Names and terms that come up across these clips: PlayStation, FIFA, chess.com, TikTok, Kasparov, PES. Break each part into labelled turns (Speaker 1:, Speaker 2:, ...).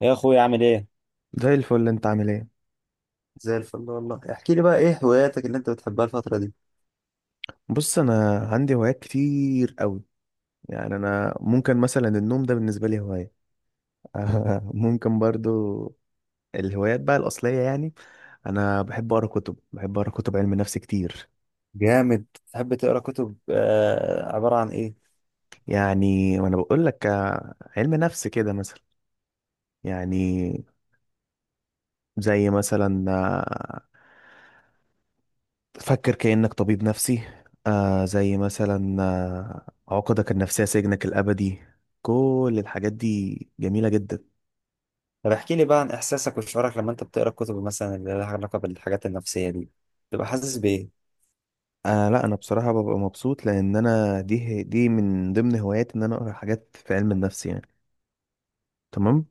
Speaker 1: يا اخويا، عامل ايه؟
Speaker 2: زي الفل، انت عامل ايه؟
Speaker 1: زي الفل والله، احكي لي بقى ايه هواياتك اللي انت بتحبها الفترة دي.
Speaker 2: بص، انا عندي هوايات كتير قوي. يعني انا ممكن مثلا النوم ده بالنسبه لي هوايه. ممكن برضو. الهوايات بقى الاصليه، يعني انا بحب اقرا كتب، بحب اقرا كتب علم نفس كتير.
Speaker 1: جامد. تحب تقرا كتب عباره عن ايه؟
Speaker 2: يعني وانا بقول لك علم نفس كده مثلا. يعني زي مثلا فكر كأنك طبيب نفسي. آه زي مثلا عقدك النفسيه سجنك الابدي. كل الحاجات دي جميله جدا.
Speaker 1: طب احكي لي بقى عن احساسك وشعورك لما انت بتقرا الكتب مثلا اللي لها علاقه بالحاجات النفسيه دي، تبقى حاسس بايه؟
Speaker 2: آه لا، انا بصراحه ببقى مبسوط، لان انا دي من ضمن هواياتي ان انا اقرا حاجات في علم النفس، يعني. تمام.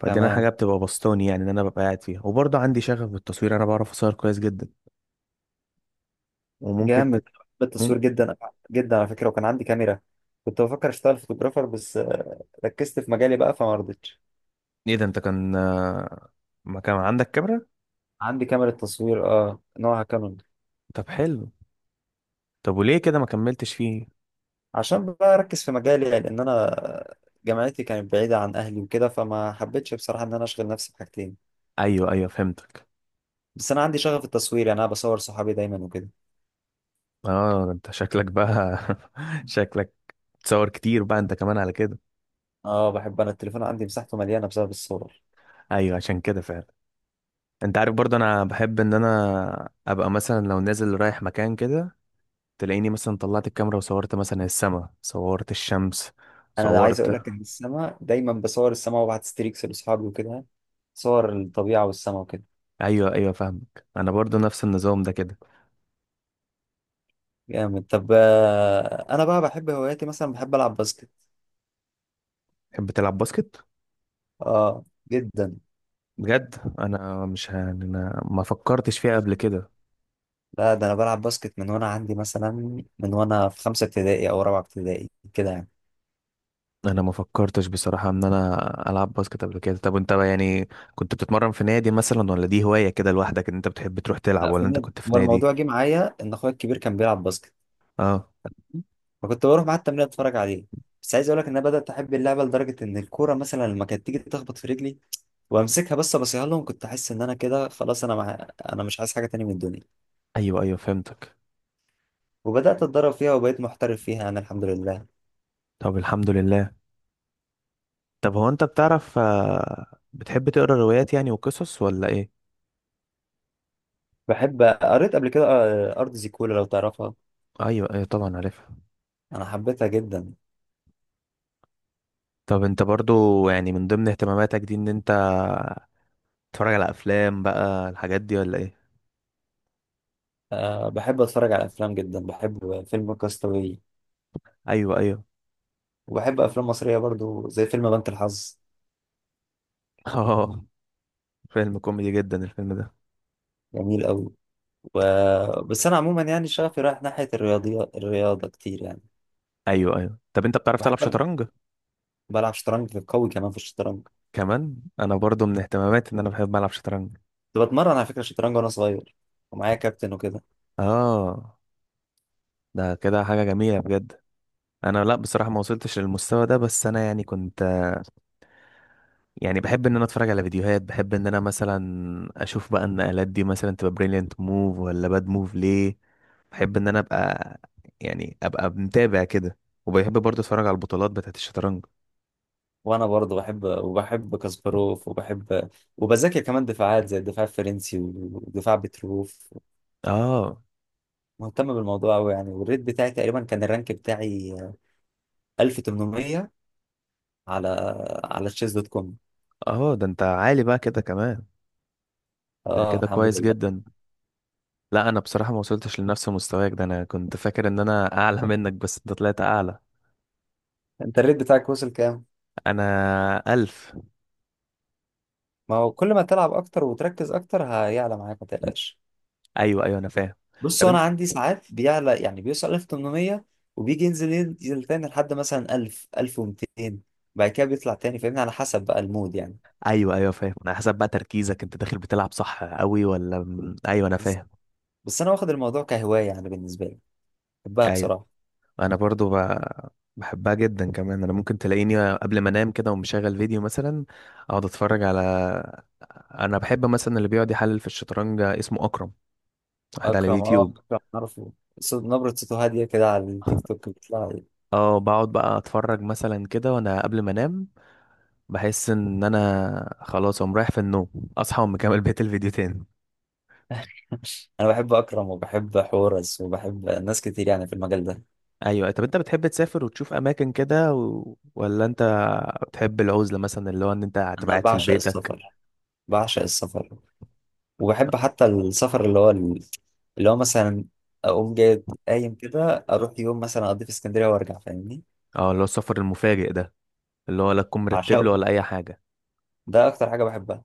Speaker 2: فدي انا حاجه
Speaker 1: تمام.
Speaker 2: بتبقى بسطاني يعني، ان انا ببقى قاعد فيها. وبرضه عندي شغف بالتصوير، انا بعرف اصور كويس جدا. وممكن
Speaker 1: جامد،
Speaker 2: ت-
Speaker 1: بحب
Speaker 2: مم...
Speaker 1: التصوير جدا جدا على فكره، وكان عندي كاميرا، كنت بفكر اشتغل فوتوغرافر، بس ركزت في مجالي بقى فما رضيتش.
Speaker 2: ايه ده، انت كان ما كان عندك كاميرا؟
Speaker 1: عندي كاميرا تصوير، نوعها كانون.
Speaker 2: طب حلو. طب وليه كده ما كملتش فيه؟
Speaker 1: عشان بقى اركز في مجالي، لان انا جامعتي كانت بعيده عن اهلي وكده، فما حبيتش بصراحه ان انا اشغل نفسي بحاجتين.
Speaker 2: ايوه ايوه، فهمتك.
Speaker 1: بس انا عندي شغف التصوير، يعني انا بصور صحابي دايما وكده.
Speaker 2: اه ده انت شكلك بقى شكلك تصور كتير بقى انت كمان على كده.
Speaker 1: اه بحب انا التليفون، عندي مساحته مليانه بسبب الصور.
Speaker 2: ايوه عشان كده فعلا. انت عارف برضه انا بحب ان انا ابقى مثلا لو نازل رايح مكان كده، تلاقيني مثلا طلعت الكاميرا وصورت مثلا السماء، صورت الشمس،
Speaker 1: انا عايز
Speaker 2: صورت.
Speaker 1: اقول لك ان السما، دايما بصور السما وببعت ستريكس لاصحابي وكده، صور الطبيعه والسما وكده.
Speaker 2: ايوه ايوه، فاهمك، انا برضه نفس النظام ده كده.
Speaker 1: جامد. طب انا بقى بحب هواياتي، مثلا بحب العب باسكت.
Speaker 2: تحب تلعب باسكت؟
Speaker 1: اه، جدا.
Speaker 2: بجد، انا مش ه... انا ما فكرتش فيها قبل كده.
Speaker 1: لا، ده انا بلعب باسكت من وانا في خمسه ابتدائي او رابعه ابتدائي كده يعني.
Speaker 2: انا ما فكرتش بصراحة ان انا العب باسكت قبل كده. طب انت بقى يعني كنت بتتمرن في نادي مثلا، ولا دي هواية كده لوحدك ان انت بتحب تروح تلعب،
Speaker 1: لا، في
Speaker 2: ولا انت
Speaker 1: نادي.
Speaker 2: كنت في
Speaker 1: هو
Speaker 2: نادي؟
Speaker 1: الموضوع جه معايا ان اخويا الكبير كان بيلعب باسكت،
Speaker 2: اه.
Speaker 1: فكنت بروح معاه التمرين اتفرج عليه. بس عايز اقول لك ان انا بدات احب اللعبه لدرجه ان الكوره مثلا لما كانت تيجي تخبط في رجلي وامسكها بس ابصيها لهم، كنت احس ان انا كده خلاص، انا مش عايز حاجه تاني من الدنيا.
Speaker 2: ايوه ايوه، فهمتك.
Speaker 1: وبدات اتدرب فيها وبقيت محترف فيها، انا الحمد لله.
Speaker 2: طب الحمد لله. طب هو انت بتعرف بتحب تقرا روايات يعني وقصص، ولا ايه؟
Speaker 1: بحب، قريت قبل كده ارض زيكولا لو تعرفها،
Speaker 2: ايوه ايوه طبعا، عارفها.
Speaker 1: انا حبيتها جدا.
Speaker 2: طب انت برضو يعني من ضمن اهتماماتك دي ان انت تتفرج على افلام بقى، الحاجات دي ولا ايه؟
Speaker 1: أه بحب اتفرج على افلام جدا، بحب فيلم كاستاوي،
Speaker 2: ايوه ايوه.
Speaker 1: وبحب افلام مصريه برضو زي فيلم بنك الحظ.
Speaker 2: اه، فيلم كوميدي جدا الفيلم ده.
Speaker 1: جميل قوي. و... بس انا عموما يعني شغفي رايح ناحيه الرياضيات الرياضه كتير يعني.
Speaker 2: ايوه ايوه. طب انت بتعرف تلعب
Speaker 1: بحب ألعب-
Speaker 2: شطرنج؟
Speaker 1: بلعب شطرنج، في قوي كمان في الشطرنج.
Speaker 2: كمان انا برضو من اهتماماتي ان انا بحب العب شطرنج.
Speaker 1: كنت بتمرن على فكره شطرنج وانا صغير، ومعايا كابتن وكده.
Speaker 2: اه ده كده حاجة جميلة بجد. انا لا بصراحة، ما وصلتش للمستوى ده، بس انا يعني كنت، يعني بحب ان انا اتفرج على فيديوهات، بحب ان انا مثلا اشوف بقى النقلات دي مثلا، تبقى بريليانت موف ولا باد موف ليه. بحب ان انا ابقى، يعني ابقى متابع كده. وبحب برضه اتفرج على البطولات بتاعت الشطرنج.
Speaker 1: وانا برضه بحب، وبحب كاسباروف، وبحب، وبذاكر كمان دفاعات زي الدفاع الفرنسي ودفاع بتروف.
Speaker 2: اه.
Speaker 1: مهتم بالموضوع قوي يعني، والريت بتاعي تقريبا، كان الرانك بتاعي 1800 على على تشيز دوت كوم.
Speaker 2: اه ده انت عالي بقى كده كمان. ده
Speaker 1: اه،
Speaker 2: كده
Speaker 1: الحمد
Speaker 2: كويس
Speaker 1: لله.
Speaker 2: جدا. لا انا بصراحة ما وصلتش لنفس مستواك ده، انا كنت فاكر ان انا اعلى منك، بس انت طلعت اعلى.
Speaker 1: انت الريت بتاعك وصل كام؟
Speaker 2: انا الف.
Speaker 1: ما هو كل ما تلعب اكتر وتركز اكتر هيعلى معاك، ما تقلقش.
Speaker 2: ايوه ايوه، انا فاهم.
Speaker 1: بص،
Speaker 2: طب
Speaker 1: انا
Speaker 2: انت.
Speaker 1: عندي ساعات بيعلى يعني بيوصل 1800، وبيجي ينزل ينزل تاني لحد مثلا 1000 1200، بعد كده بيطلع تاني، فاهمني، على حسب بقى المود يعني.
Speaker 2: ايوه ايوه، فاهم، انا حسب بقى تركيزك انت داخل بتلعب صح قوي ولا ايوه انا
Speaker 1: بس
Speaker 2: فاهم.
Speaker 1: بس انا واخد الموضوع كهوايه، يعني بالنسبه لي بحبها
Speaker 2: ايوه.
Speaker 1: بصراحه.
Speaker 2: انا برضو ب... بحبها جدا كمان. انا ممكن تلاقيني قبل ما انام كده ومشغل فيديو مثلا، اقعد اتفرج على، انا بحب مثلا اللي بيقعد يحلل في الشطرنج اسمه اكرم، واحد على
Speaker 1: اكرم اه
Speaker 2: اليوتيوب.
Speaker 1: اكرم عارفه، صوت، نبره صوته هاديه كده على التيك توك بتطلع لي.
Speaker 2: اه بقعد بقى اتفرج مثلا كده وانا قبل ما انام، بحس ان انا خلاص اقوم رايح في النوم، اصحى واقوم مكمل بقية الفيديو تاني.
Speaker 1: انا بحب اكرم وبحب حورس وبحب ناس كتير يعني في المجال ده.
Speaker 2: ايوه. طب انت بتحب تسافر وتشوف اماكن كده ولا انت بتحب العزله مثلا، اللي هو ان انت هتبقى
Speaker 1: انا
Speaker 2: قاعد في
Speaker 1: بعشق
Speaker 2: بيتك؟
Speaker 1: السفر، بعشق السفر، وبحب حتى السفر اللي هو، اللي هو مثلا اقوم جاي قايم كده اروح يوم مثلا اقضي في اسكندريه وارجع، فاهمني.
Speaker 2: اه اللي هو السفر المفاجئ ده، اللي هو لا تكون مرتب له
Speaker 1: عشاقه،
Speaker 2: ولا اي حاجه.
Speaker 1: ده اكتر حاجه بحبها.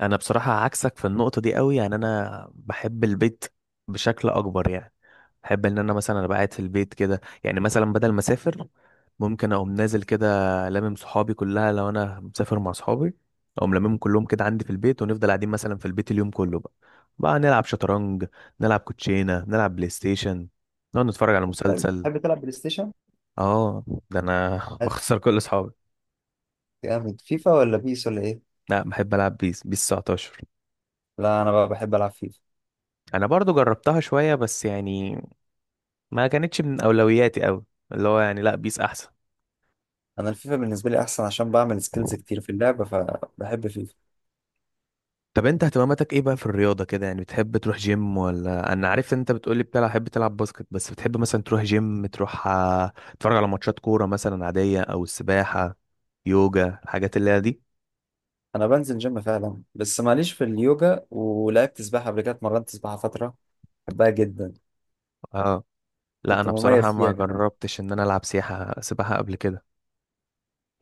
Speaker 2: انا بصراحه عكسك في النقطه دي قوي، يعني انا بحب البيت بشكل اكبر يعني. بحب ان انا مثلا ابقى قاعد في البيت كده، يعني مثلا بدل ما اسافر، ممكن اقوم نازل كده لامم صحابي كلها. لو انا مسافر مع صحابي، اقوم لاممهم كلهم كده عندي في البيت، ونفضل قاعدين مثلا في البيت اليوم كله. بقى نلعب شطرنج، نلعب كوتشينه، نلعب بلاي ستيشن، نقعد نتفرج على
Speaker 1: حلو.
Speaker 2: مسلسل.
Speaker 1: تحب تلعب بلاي ستيشن؟
Speaker 2: اه ده انا
Speaker 1: حلو.
Speaker 2: بخسر كل اصحابي.
Speaker 1: جامد. فيفا ولا بيس ولا ايه؟
Speaker 2: لا، بحب العب بيس، بيس 19.
Speaker 1: لا، انا بقى بحب العب فيفا.
Speaker 2: انا برضو جربتها شوية، بس يعني ما كانتش من اولوياتي قوي. اللي هو يعني لا، بيس احسن.
Speaker 1: انا الفيفا بالنسبه لي احسن عشان بعمل سكيلز كتير في اللعبه، فبحب فيفا.
Speaker 2: طب انت اهتماماتك ايه بقى في الرياضة كده؟ يعني بتحب تروح جيم، ولا، انا عارف ان انت بتقولي بتلعب، بتحب تلعب باسكت، بس بتحب مثلا تروح جيم، تروح تتفرج على ماتشات كورة مثلا عادية، او السباحة، يوجا، الحاجات اللي هي دي؟
Speaker 1: انا بنزل جيم فعلا بس ماليش في اليوجا، ولعبت سباحه قبل كده، اتمرنت سباحه فتره، بحبها جدا،
Speaker 2: اه. لا
Speaker 1: كنت
Speaker 2: انا بصراحة
Speaker 1: مميز
Speaker 2: ما
Speaker 1: فيها كمان.
Speaker 2: جربتش ان انا العب سياحة، سباحة قبل كده.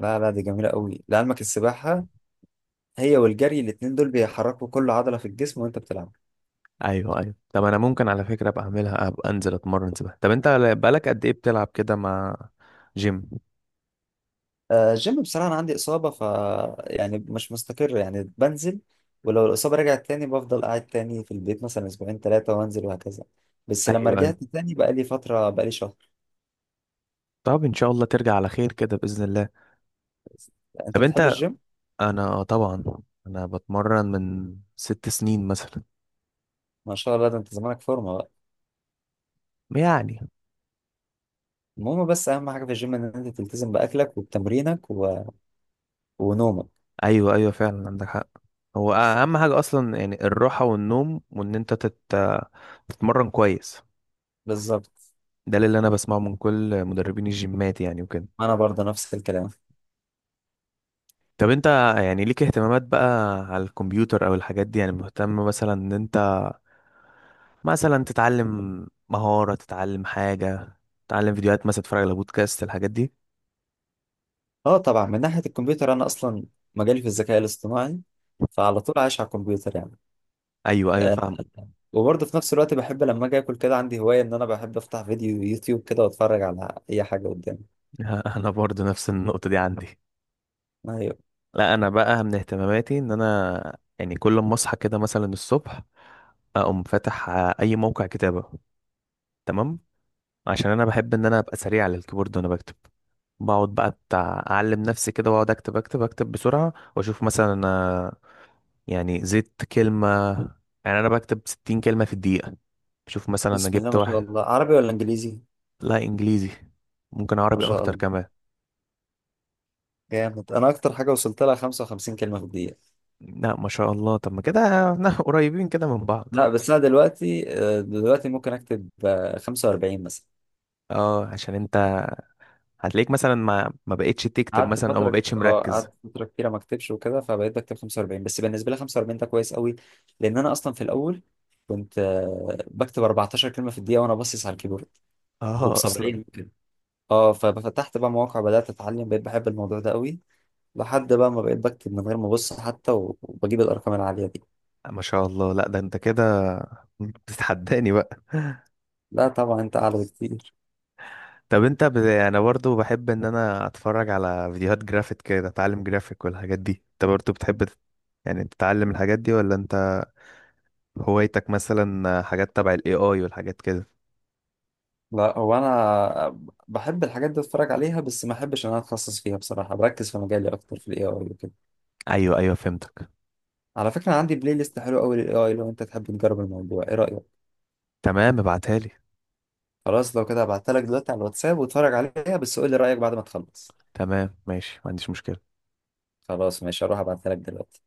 Speaker 1: لا لا، دي جميله قوي لعلمك السباحه، هي والجري الاتنين دول بيحركوا كل عضلة في الجسم وانت بتلعب.
Speaker 2: ايوه ايوه. طب انا ممكن على فكرة ابقى اعملها، ابقى انزل اتمرن سباحة. طب انت بقالك قد ايه بتلعب كده مع جيم؟
Speaker 1: الجيم بصراحة أنا عندي إصابة، ف يعني مش مستقر، يعني بنزل، ولو الإصابة رجعت تاني بفضل قاعد تاني في البيت مثلا أسبوعين تلاتة وأنزل وهكذا. بس لما
Speaker 2: ايوه ايوه.
Speaker 1: رجعت تاني، بقى لي فترة، بقى لي شهر.
Speaker 2: طب ان شاء الله ترجع على خير كده باذن الله.
Speaker 1: أنت
Speaker 2: طب
Speaker 1: بتحب
Speaker 2: انت.
Speaker 1: الجيم؟
Speaker 2: انا آه طبعا، انا بتمرن من ست سنين مثلا.
Speaker 1: ما شاء الله، ده أنت زمانك فورمة بقى.
Speaker 2: يعني.
Speaker 1: المهم، بس أهم حاجة في الجيم إن أنت تلتزم بأكلك وبتمرينك ونومك.
Speaker 2: ايوه ايوه فعلا، عندك حق. هو اهم حاجه اصلا، يعني الراحه والنوم، وان انت تتمرن كويس.
Speaker 1: بالظبط.
Speaker 2: ده اللي انا بسمعه من كل مدربين الجيمات يعني وكده.
Speaker 1: أنا برضه نفس الكلام.
Speaker 2: طب انت يعني ليك اهتمامات بقى على الكمبيوتر او الحاجات دي؟ يعني مهتم مثلا ان انت مثلا تتعلم مهاره، تتعلم حاجه، تتعلم فيديوهات، مثلا تتفرج على بودكاست، الحاجات دي؟
Speaker 1: أه طبعا، من ناحية الكمبيوتر أنا أصلا مجالي في الذكاء الاصطناعي، فعلى طول عايش على الكمبيوتر يعني.
Speaker 2: ايوه ايوه
Speaker 1: آه،
Speaker 2: فاهم.
Speaker 1: وبرضه في نفس الوقت بحب لما اجي اكل كده عندي هوايه ان انا بحب افتح فيديو يوتيوب كده واتفرج على اي حاجه قدامي.
Speaker 2: انا برضو نفس النقطه دي عندي.
Speaker 1: ايوه.
Speaker 2: لا انا بقى من اهتماماتي ان انا يعني كل ما اصحى كده مثلا الصبح، اقوم فاتح اي موقع كتابه. تمام. عشان انا بحب ان انا ابقى سريع على الكيبورد وانا بكتب. بقعد بقى بتاع اعلم نفسي كده، واقعد اكتب اكتب اكتب بسرعه، واشوف مثلا انا يعني زدت كلمه. يعني انا بكتب 60 كلمه في الدقيقه. شوف مثلا انا
Speaker 1: بسم الله
Speaker 2: جبت
Speaker 1: ما شاء
Speaker 2: واحد.
Speaker 1: الله، عربي ولا انجليزي؟
Speaker 2: لا، انجليزي. ممكن
Speaker 1: ما
Speaker 2: عربي
Speaker 1: شاء
Speaker 2: اكتر
Speaker 1: الله،
Speaker 2: كمان.
Speaker 1: جامد. انا اكتر حاجه وصلت لها 55 كلمه في الدقيقه.
Speaker 2: لا ما شاء الله. طب ما كده احنا قريبين كده من بعض.
Speaker 1: لا بس انا دلوقتي ممكن اكتب 45 مثلا.
Speaker 2: اه عشان انت هتلاقيك مثلا ما بقتش تكتب
Speaker 1: قعدت
Speaker 2: مثلا، او ما
Speaker 1: فترة
Speaker 2: بقتش
Speaker 1: اه
Speaker 2: مركز.
Speaker 1: قعدت فترة كتيرة ما اكتبش وكده، فبقيت بكتب 45، بس بالنسبة لي 45 ده كويس قوي. لأن أنا أصلا في الأول كنت بكتب 14 كلمة في الدقيقة وأنا باصص على الكيبورد
Speaker 2: اه اصلا.
Speaker 1: وب70. اه ففتحت بقى مواقع، بدأت اتعلم، بقيت بحب الموضوع ده قوي، لحد بقى ما بقيت بكتب من غير ما ابص حتى، و- وبجيب الارقام العالية دي.
Speaker 2: ما شاء الله. لا ده انت كده بتتحداني بقى.
Speaker 1: لا طبعا، انت اعلى بكتير.
Speaker 2: انا برضو بحب ان انا اتفرج على فيديوهات جرافيك كده، اتعلم جرافيك والحاجات دي. انت برضو بتحب تت- يعني تتعلم الحاجات دي، ولا انت هوايتك مثلا حاجات تبع الاي اي والحاجات كده؟
Speaker 1: لا، هو انا بحب الحاجات دي اتفرج عليها، بس ما احبش ان انا اتخصص فيها بصراحة، بركز في مجالي اكتر في الاي اي وكده.
Speaker 2: ايوه ايوه، فهمتك.
Speaker 1: على فكرة، عندي بلاي ليست حلو قوي للاي اي، لو انت تحب نجرب الموضوع، ايه رأيك؟
Speaker 2: تمام، ابعتها لي.
Speaker 1: خلاص، لو كده هبعتها لك دلوقتي على الواتساب، واتفرج عليها بس قول لي رأيك بعد ما تخلص.
Speaker 2: تمام ماشي، ما عنديش مشكلة.
Speaker 1: خلاص ماشي، هروح ابعتها لك دلوقتي.